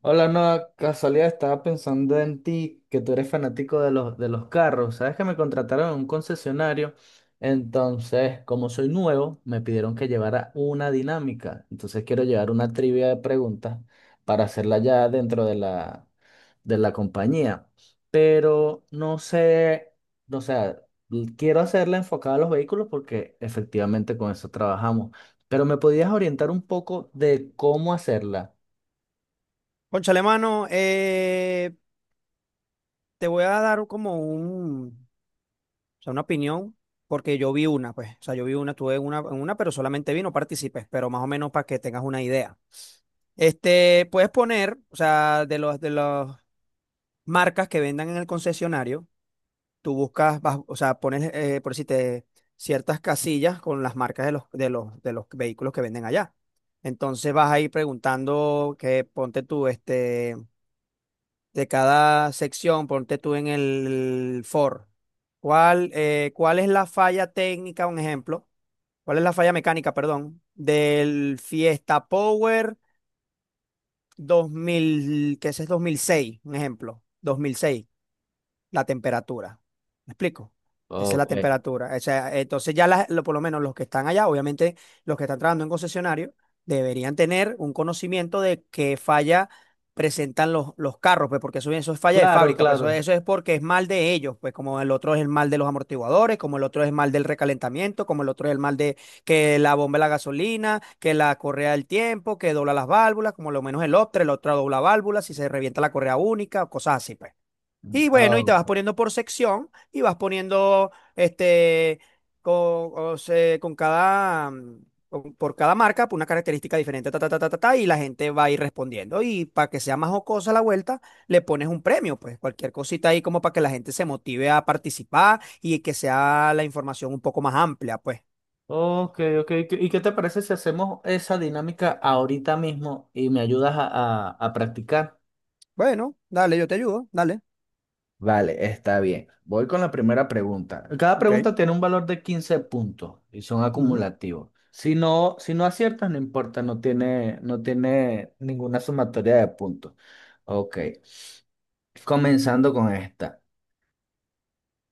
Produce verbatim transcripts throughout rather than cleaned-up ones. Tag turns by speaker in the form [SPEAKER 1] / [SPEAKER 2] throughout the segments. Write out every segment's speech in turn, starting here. [SPEAKER 1] Hola, no, casualidad, estaba pensando en ti, que tú eres fanático de los, de los carros. Sabes que me contrataron en un concesionario, entonces, como soy nuevo, me pidieron que llevara una dinámica. Entonces quiero llevar una trivia de preguntas para hacerla ya dentro de la, de la compañía. Pero no sé, no, o sea, l- quiero hacerla enfocada a los vehículos porque efectivamente con eso trabajamos. Pero me podías orientar un poco de cómo hacerla.
[SPEAKER 2] Cónchale, mano, eh, te voy a dar como un, o sea, una opinión, porque yo vi una, pues, o sea, yo vi una, tuve una, en una, pero solamente vi, no participé, pero más o menos para que tengas una idea. Este, puedes poner, o sea, de los, de las marcas que vendan en el concesionario, tú buscas, vas- o sea, pones, eh, por decirte, ciertas casillas con las marcas de los, de los, de los vehículos que venden allá. Entonces vas a ir preguntando que ponte tú, este. De cada sección, ponte tú en el for. ¿Cuál, eh, cuál es la falla técnica, un ejemplo? ¿Cuál es la falla mecánica, perdón, del Fiesta Power dos mil, que ese es dos mil seis? Un ejemplo, dos mil seis la temperatura. ¿Me explico? Esa es la
[SPEAKER 1] Ok.
[SPEAKER 2] temperatura. O sea, entonces ya las- lo- por lo menos los que están allá, obviamente los que están trabajando en concesionario, deberían tener un conocimiento de qué falla presentan los, los carros, pues porque eso, eso es falla de
[SPEAKER 1] Claro,
[SPEAKER 2] fábrica, pues eso,
[SPEAKER 1] claro.
[SPEAKER 2] eso es porque es mal de ellos, pues como el otro es el mal de los amortiguadores, como el otro es el mal del recalentamiento, como el otro es el mal de que la bomba de la gasolina, que la correa del tiempo, que dobla las válvulas, como lo menos el otro, el otro dobla válvulas, si se revienta la correa única, cosas así, pues. Y bueno,
[SPEAKER 1] Ah,
[SPEAKER 2] y te
[SPEAKER 1] ok.
[SPEAKER 2] vas poniendo por sección y vas poniendo este con, o se- con cada mm, con- por cada marca, pues, una característica diferente, ta, ta, ta, ta, ta, ta, y la gente va a ir respondiendo. Y para que sea más jocosa la vuelta, le pones un premio, pues cualquier cosita ahí como para que la gente se motive a participar y que sea la información un poco más amplia, pues.
[SPEAKER 1] Ok, ok. ¿Y qué y qué te parece si hacemos esa dinámica ahorita mismo y me ayudas a, a- a practicar?
[SPEAKER 2] Bueno, dale, yo te ayudo, dale.
[SPEAKER 1] Vale, está bien. Voy con la primera pregunta. Cada
[SPEAKER 2] Ok.
[SPEAKER 1] pregunta tiene un valor de quince puntos y son
[SPEAKER 2] Ujú.
[SPEAKER 1] acumulativos. Si no, si no aciertas, no importa, no tiene, no tiene ninguna sumatoria de puntos. Ok, comenzando con esta.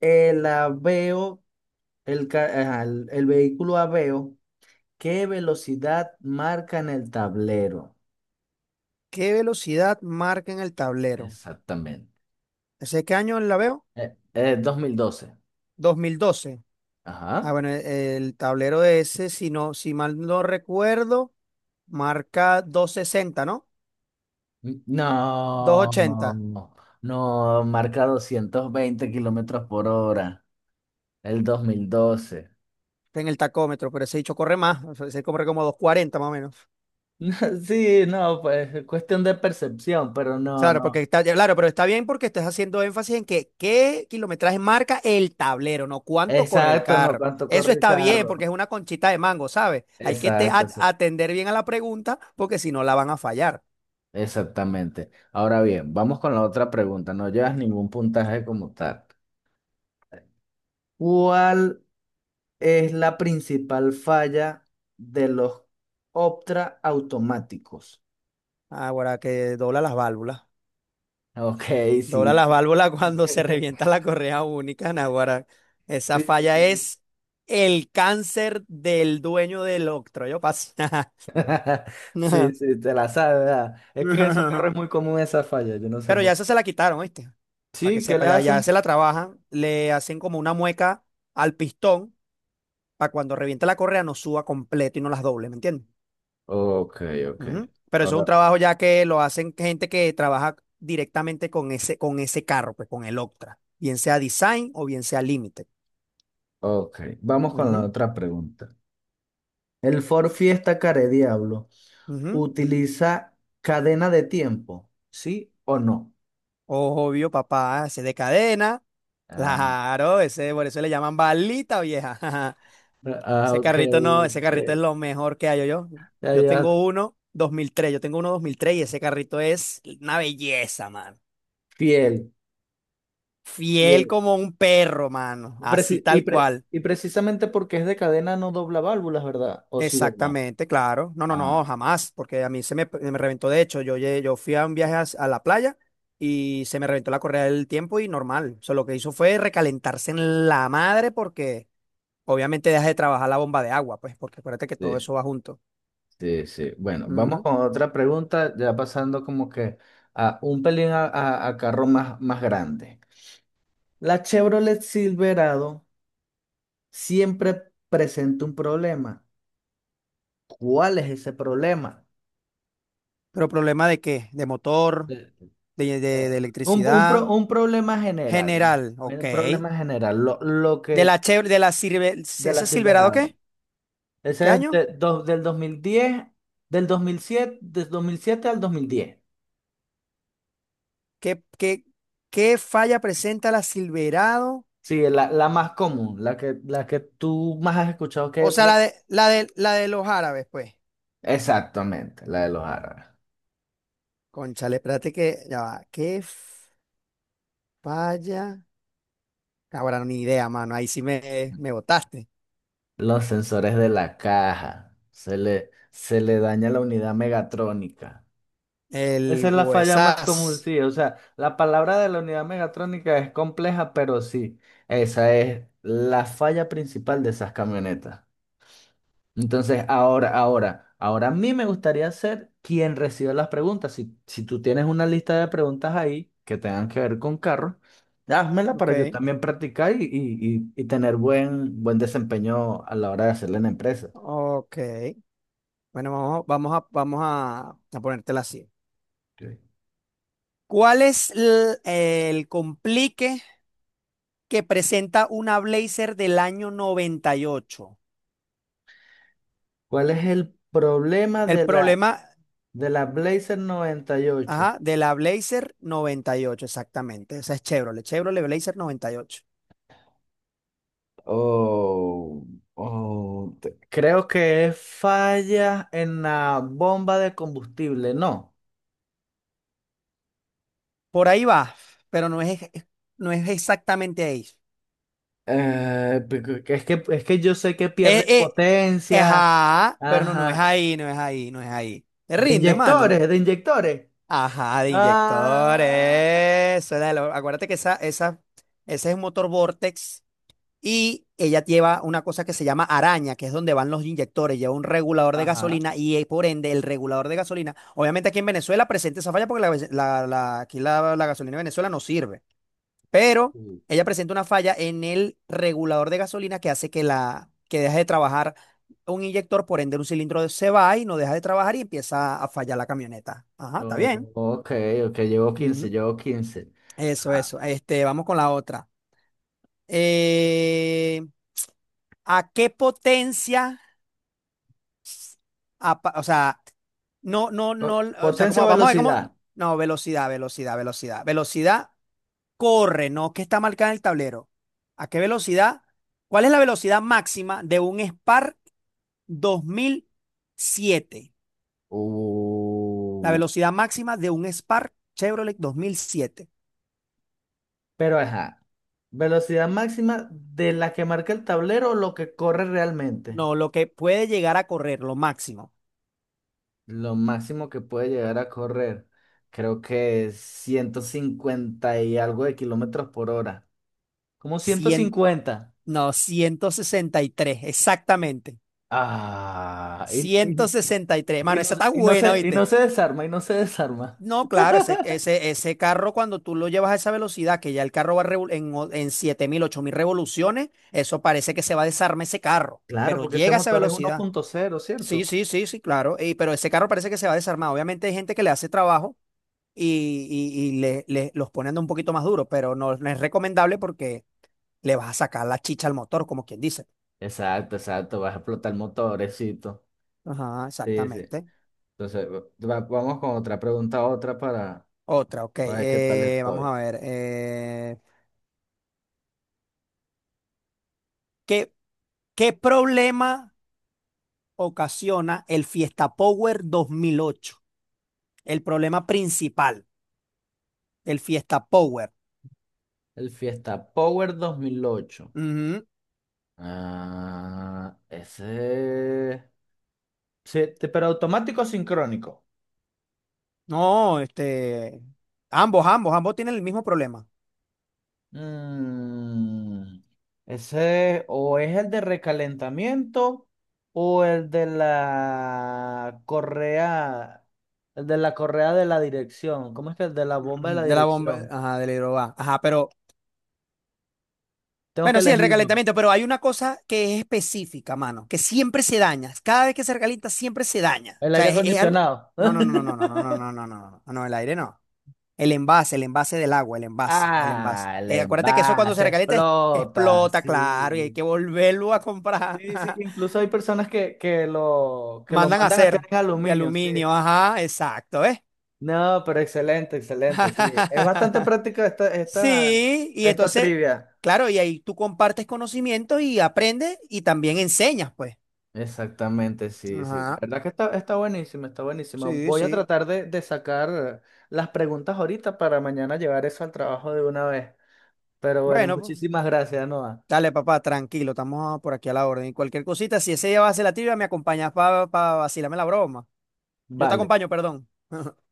[SPEAKER 1] El aveo, el, ca- ajá, el el vehículo aveo. ¿Qué velocidad marca en el tablero?
[SPEAKER 2] ¿Qué velocidad marca en el tablero?
[SPEAKER 1] Exactamente.
[SPEAKER 2] ¿Ese qué año la veo?
[SPEAKER 1] Eh, eh, dos mil doce.
[SPEAKER 2] Dos mil doce. Ah,
[SPEAKER 1] Ajá.
[SPEAKER 2] bueno, e- el tablero ese, si no, si mal no recuerdo, marca doscientos sesenta, ¿no?
[SPEAKER 1] No,
[SPEAKER 2] doscientos
[SPEAKER 1] no,
[SPEAKER 2] ochenta
[SPEAKER 1] no, no, marca doscientos veinte kilómetros por hora. El dos mil doce.
[SPEAKER 2] en el tacómetro, pero ese dicho corre más, o sea, ese corre como doscientos cuarenta, más o menos.
[SPEAKER 1] Sí, no, pues es cuestión de percepción, pero no,
[SPEAKER 2] Claro, porque
[SPEAKER 1] no.
[SPEAKER 2] está, claro, pero está bien porque estás haciendo énfasis en que qué kilometraje marca el tablero, no cuánto corre el
[SPEAKER 1] Exacto, no,
[SPEAKER 2] carro.
[SPEAKER 1] cuánto
[SPEAKER 2] Eso
[SPEAKER 1] corre el
[SPEAKER 2] está bien porque
[SPEAKER 1] carro.
[SPEAKER 2] es una conchita de mango, ¿sabes? Hay que te-
[SPEAKER 1] Exacto,
[SPEAKER 2] a-
[SPEAKER 1] exa-
[SPEAKER 2] atender bien a la pregunta porque si no la van a fallar.
[SPEAKER 1] exactamente. Ahora bien, vamos con la otra pregunta. No llevas ningún puntaje como tal. ¿Cuál es la principal falla de los Optra automáticos?
[SPEAKER 2] Ahora que dobla las válvulas.
[SPEAKER 1] Ok,
[SPEAKER 2] Dobla
[SPEAKER 1] sí.
[SPEAKER 2] las válvulas cuando se revienta la correa única, Naguará. Esa
[SPEAKER 1] Sí, sí,
[SPEAKER 2] falla
[SPEAKER 1] sí.
[SPEAKER 2] es el cáncer del dueño del octroyo. pas-
[SPEAKER 1] Sí, sí, te la sabes, ¿verdad? Es que en esos carros es muy común esa falla, yo no sé
[SPEAKER 2] Pero
[SPEAKER 1] por
[SPEAKER 2] ya
[SPEAKER 1] qué.
[SPEAKER 2] eso se la quitaron, ¿viste? Para que
[SPEAKER 1] Sí, ¿qué le
[SPEAKER 2] sepa, ya, ya
[SPEAKER 1] hacen?
[SPEAKER 2] se la trabajan, le hacen como una mueca al pistón para cuando reviente la correa no suba completo y no las doble, ¿me entiendes?
[SPEAKER 1] Ok, ok.
[SPEAKER 2] Ujú. Pero eso es un
[SPEAKER 1] Ahora,
[SPEAKER 2] trabajo ya que lo hacen gente que trabaja directamente con ese, con ese carro, pues con el Octra, bien sea design o bien sea límite.
[SPEAKER 1] ok. Vamos con la
[SPEAKER 2] Ujú,
[SPEAKER 1] otra pregunta. El Ford Fiesta Care Diablo
[SPEAKER 2] ujú.
[SPEAKER 1] utiliza cadena de tiempo, ¿sí o no?
[SPEAKER 2] Obvio, papá, ese es de cadena.
[SPEAKER 1] Ah,
[SPEAKER 2] Claro, ese, por eso le llaman balita vieja.
[SPEAKER 1] ah,
[SPEAKER 2] Ese
[SPEAKER 1] ok,
[SPEAKER 2] carrito no, ese
[SPEAKER 1] ok.
[SPEAKER 2] carrito es lo mejor que hay yo.
[SPEAKER 1] Ya llevas
[SPEAKER 2] Yo tengo uno dos mil tres, yo tengo uno dos mil tres y ese carrito es una belleza, mano.
[SPEAKER 1] fiel.
[SPEAKER 2] Fiel
[SPEAKER 1] Sí.
[SPEAKER 2] como un perro, mano. Así
[SPEAKER 1] Preci- y,
[SPEAKER 2] tal
[SPEAKER 1] pre-
[SPEAKER 2] cual.
[SPEAKER 1] y precisamente porque es de cadena no dobla válvulas, ¿verdad? O sí dobla.
[SPEAKER 2] Exactamente, claro. No, no, no,
[SPEAKER 1] Ah,
[SPEAKER 2] jamás, porque a mí se me, me reventó. De hecho, yo, lle- yo fui a un viaje a, a la playa y se me reventó la correa del tiempo y normal. O sea, lo que hizo fue recalentarse en la madre porque obviamente dejas de trabajar la bomba de agua, pues, porque acuérdate que todo
[SPEAKER 1] sí,
[SPEAKER 2] eso va junto.
[SPEAKER 1] sí, sí. Bueno, vamos
[SPEAKER 2] Ujú.
[SPEAKER 1] con otra pregunta, ya pasando como que a un pelín a, a- a carro más, más grande. La Chevrolet Silverado siempre presenta un problema. ¿Cuál es ese problema?
[SPEAKER 2] ¿Pero problema de qué? De motor,
[SPEAKER 1] Eh,
[SPEAKER 2] de, de- de
[SPEAKER 1] eh, Un, un
[SPEAKER 2] electricidad,
[SPEAKER 1] pro- un problema general.
[SPEAKER 2] general, ok.
[SPEAKER 1] Un problema general. Lo, lo
[SPEAKER 2] De
[SPEAKER 1] que
[SPEAKER 2] la chev de la Silver,
[SPEAKER 1] de la
[SPEAKER 2] ¿Ese Silverado
[SPEAKER 1] Silverado.
[SPEAKER 2] qué? ¿Qué
[SPEAKER 1] Ese es
[SPEAKER 2] año?
[SPEAKER 1] de- do- del dos mil diez del dos mil siete, del dos mil siete al dos mil diez.
[SPEAKER 2] ¿Qué, qué, qué falla presenta la Silverado?
[SPEAKER 1] Sí, la, la más común, la que, la que tú más has escuchado que...
[SPEAKER 2] O sea, la
[SPEAKER 1] me-
[SPEAKER 2] de, la de, la de los árabes, pues.
[SPEAKER 1] Exactamente, la de los árabes.
[SPEAKER 2] Cónchale, espérate que, ya va. ¿Qué falla? Ahora ni idea, mano. Ahí sí me, me botaste.
[SPEAKER 1] Los sensores de la caja. Se le, se le daña la unidad megatrónica. Esa
[SPEAKER 2] El
[SPEAKER 1] es la falla más común,
[SPEAKER 2] huesaz.
[SPEAKER 1] sí. O sea, la palabra de la unidad megatrónica es compleja, pero sí, esa es la falla principal de esas camionetas. Entonces, ahora, ahora, ahora a mí me gustaría ser quien recibe las preguntas. Si, si tú tienes una lista de preguntas ahí que tengan que ver con carros, házmela
[SPEAKER 2] Ok.
[SPEAKER 1] para yo también practicar y, y- y- y tener buen, buen desempeño a la hora de hacerla en la empresa.
[SPEAKER 2] Ok. Bueno, vamos, vamos a, vamos a, a ponértela así.
[SPEAKER 1] Ok.
[SPEAKER 2] ¿Cuál es l- el, complique que presenta una Blazer del año noventa y ocho?
[SPEAKER 1] ¿Cuál es el problema
[SPEAKER 2] El
[SPEAKER 1] de la,
[SPEAKER 2] problema,
[SPEAKER 1] de la Blazer noventa y ocho?
[SPEAKER 2] ajá, de la Blazer noventa y ocho exactamente. Esa es Chevrolet, Chevrolet Blazer noventa y ocho.
[SPEAKER 1] Oh, oh, te- creo que es falla en la bomba de combustible, ¿no?
[SPEAKER 2] Por ahí va, pero no es, ex- no es exactamente ahí.
[SPEAKER 1] Eh, porque es que, es que yo sé que
[SPEAKER 2] Eh,
[SPEAKER 1] pierden
[SPEAKER 2] eh,
[SPEAKER 1] potencia.
[SPEAKER 2] ajá, pero no, no es
[SPEAKER 1] Ajá.
[SPEAKER 2] ahí, no es ahí, no es ahí. Te
[SPEAKER 1] De
[SPEAKER 2] rindes, mano.
[SPEAKER 1] inyectores, de inyectores.
[SPEAKER 2] Ajá, de
[SPEAKER 1] Ah,
[SPEAKER 2] inyectores. eso era lo- Acuérdate que esa, esa, ese es un motor Vortex y ella lleva una cosa que se llama araña, que es donde van los inyectores. Lleva un regulador de
[SPEAKER 1] ajá.
[SPEAKER 2] gasolina y eh, por ende el regulador de gasolina. Obviamente aquí en Venezuela presenta esa falla porque la, ve- la- la- aquí la, la gasolina de Venezuela no sirve. Pero
[SPEAKER 1] Mm.
[SPEAKER 2] ella presenta una falla en el regulador de gasolina que hace que, la, que deje de trabajar un inyector, por ende un cilindro se va y no deja de trabajar y empieza a fallar la camioneta. Ajá, está bien.
[SPEAKER 1] Oh, ok, ok, llevo quince,
[SPEAKER 2] Ujú.
[SPEAKER 1] llevo quince.
[SPEAKER 2] Eso,
[SPEAKER 1] Ajá.
[SPEAKER 2] eso. Este, vamos con la otra. Eh, ¿A qué potencia? Apa- o sea, no, no, no,
[SPEAKER 1] Oh,
[SPEAKER 2] o sea,
[SPEAKER 1] potencia
[SPEAKER 2] ¿cómo?
[SPEAKER 1] o
[SPEAKER 2] Vamos a ver cómo.
[SPEAKER 1] velocidad.
[SPEAKER 2] No, velocidad, velocidad, velocidad. Velocidad corre, ¿no? ¿Qué está marcada en el tablero? ¿A qué velocidad? ¿Cuál es la velocidad máxima de un Spark dos mil siete? La
[SPEAKER 1] Uh,
[SPEAKER 2] velocidad máxima de un Spark Chevrolet dos mil siete.
[SPEAKER 1] pero ajá. Velocidad máxima de la que marca el tablero o lo que corre realmente.
[SPEAKER 2] No, lo que puede llegar a correr, lo máximo.
[SPEAKER 1] Lo máximo que puede llegar a correr, creo que es ciento cincuenta y algo de kilómetros por hora. Como ciento cincuenta.
[SPEAKER 2] No, ciento sesenta y tres, exactamente.
[SPEAKER 1] Ah, y
[SPEAKER 2] ciento sesenta y tres.
[SPEAKER 1] y y
[SPEAKER 2] Mano,
[SPEAKER 1] no,
[SPEAKER 2] esa está
[SPEAKER 1] y no
[SPEAKER 2] buena,
[SPEAKER 1] se, y no
[SPEAKER 2] ¿viste?
[SPEAKER 1] se desarma, y no se desarma.
[SPEAKER 2] No, claro, ese, ese, ese carro cuando tú lo llevas a esa velocidad, que ya el carro va revol- en, o- en siete mil, ocho mil revoluciones, eso parece que se va a desarmar ese carro,
[SPEAKER 1] Claro,
[SPEAKER 2] pero
[SPEAKER 1] porque ese
[SPEAKER 2] llega a esa
[SPEAKER 1] motor es uno
[SPEAKER 2] velocidad.
[SPEAKER 1] punto cero
[SPEAKER 2] Sí,
[SPEAKER 1] ¿cierto?
[SPEAKER 2] sí, sí, sí, claro. Y, pero ese carro parece que se va a desarmar. Obviamente hay gente que le hace trabajo y, y- y le, le- los pone a un poquito más duro, pero no no es recomendable porque le vas a sacar la chicha al motor, como quien dice.
[SPEAKER 1] Exacto, exacto, vas a explotar motorecito.
[SPEAKER 2] Ajá,
[SPEAKER 1] Sí, sí.
[SPEAKER 2] exactamente.
[SPEAKER 1] Entonces, va- vamos con otra pregunta, otra para,
[SPEAKER 2] Otra, ok.
[SPEAKER 1] para ver qué tal
[SPEAKER 2] Eh, vamos
[SPEAKER 1] estoy.
[SPEAKER 2] a ver. eh, ¿qué, qué problema ocasiona el Fiesta Power dos mil ocho? El problema principal, el Fiesta Power.
[SPEAKER 1] El Fiesta Power dos mil ocho.
[SPEAKER 2] Ujú.
[SPEAKER 1] Ah, ese. Sí, te- pero automático o sincrónico.
[SPEAKER 2] No, este, ambos, ambos, ambos tienen el mismo problema.
[SPEAKER 1] Mm, ese o es el de recalentamiento o el de la correa, el de la correa de la dirección. ¿Cómo es que el de la bomba de
[SPEAKER 2] Ujú.
[SPEAKER 1] la
[SPEAKER 2] De la bomba,
[SPEAKER 1] dirección?
[SPEAKER 2] ajá, del hidrobá. Ajá, pero,
[SPEAKER 1] Tengo que
[SPEAKER 2] bueno, sí, el
[SPEAKER 1] elegir uno.
[SPEAKER 2] recalentamiento, pero hay una cosa que es específica, mano, que siempre se daña. Cada vez que se recalienta, siempre se daña.
[SPEAKER 1] El
[SPEAKER 2] O
[SPEAKER 1] aire
[SPEAKER 2] sea, es, es algo.
[SPEAKER 1] acondicionado.
[SPEAKER 2] No, no, no, no, no, no, no, no, no, no, no, no, no, el aire no. El envase, el envase del agua, el envase, el envase.
[SPEAKER 1] Ah,
[SPEAKER 2] Eh,
[SPEAKER 1] le
[SPEAKER 2] acuérdate que eso
[SPEAKER 1] va,
[SPEAKER 2] cuando se
[SPEAKER 1] se
[SPEAKER 2] recalienta es-
[SPEAKER 1] explota,
[SPEAKER 2] explota, claro, y hay
[SPEAKER 1] sí.
[SPEAKER 2] que volverlo a comprar.
[SPEAKER 1] Sí, sí, incluso hay personas que, que lo, que lo
[SPEAKER 2] Mandan a
[SPEAKER 1] mandan a hacer
[SPEAKER 2] hacer
[SPEAKER 1] en
[SPEAKER 2] de
[SPEAKER 1] aluminio, sí.
[SPEAKER 2] aluminio, ajá, exacto, ¿ves?
[SPEAKER 1] No, pero excelente, excelente, sí. Es bastante práctica esta, esta,
[SPEAKER 2] Sí, y
[SPEAKER 1] esta
[SPEAKER 2] entonces,
[SPEAKER 1] trivia.
[SPEAKER 2] claro, y ahí tú compartes conocimiento y aprendes y también enseñas, pues.
[SPEAKER 1] Exactamente, sí, sí. La
[SPEAKER 2] Ajá,
[SPEAKER 1] verdad que está, está buenísima, está buenísima.
[SPEAKER 2] sí,
[SPEAKER 1] Voy a
[SPEAKER 2] sí.
[SPEAKER 1] tratar de, de sacar las preguntas ahorita para mañana llevar eso al trabajo de una vez. Pero bueno,
[SPEAKER 2] Bueno, pues,
[SPEAKER 1] muchísimas gracias, Noah.
[SPEAKER 2] dale, papá, tranquilo, estamos por aquí a la orden. Y cualquier cosita, si ese día va a hacer la tibia, me acompañas para vacilarme la broma. Yo te
[SPEAKER 1] Vale.
[SPEAKER 2] acompaño, perdón.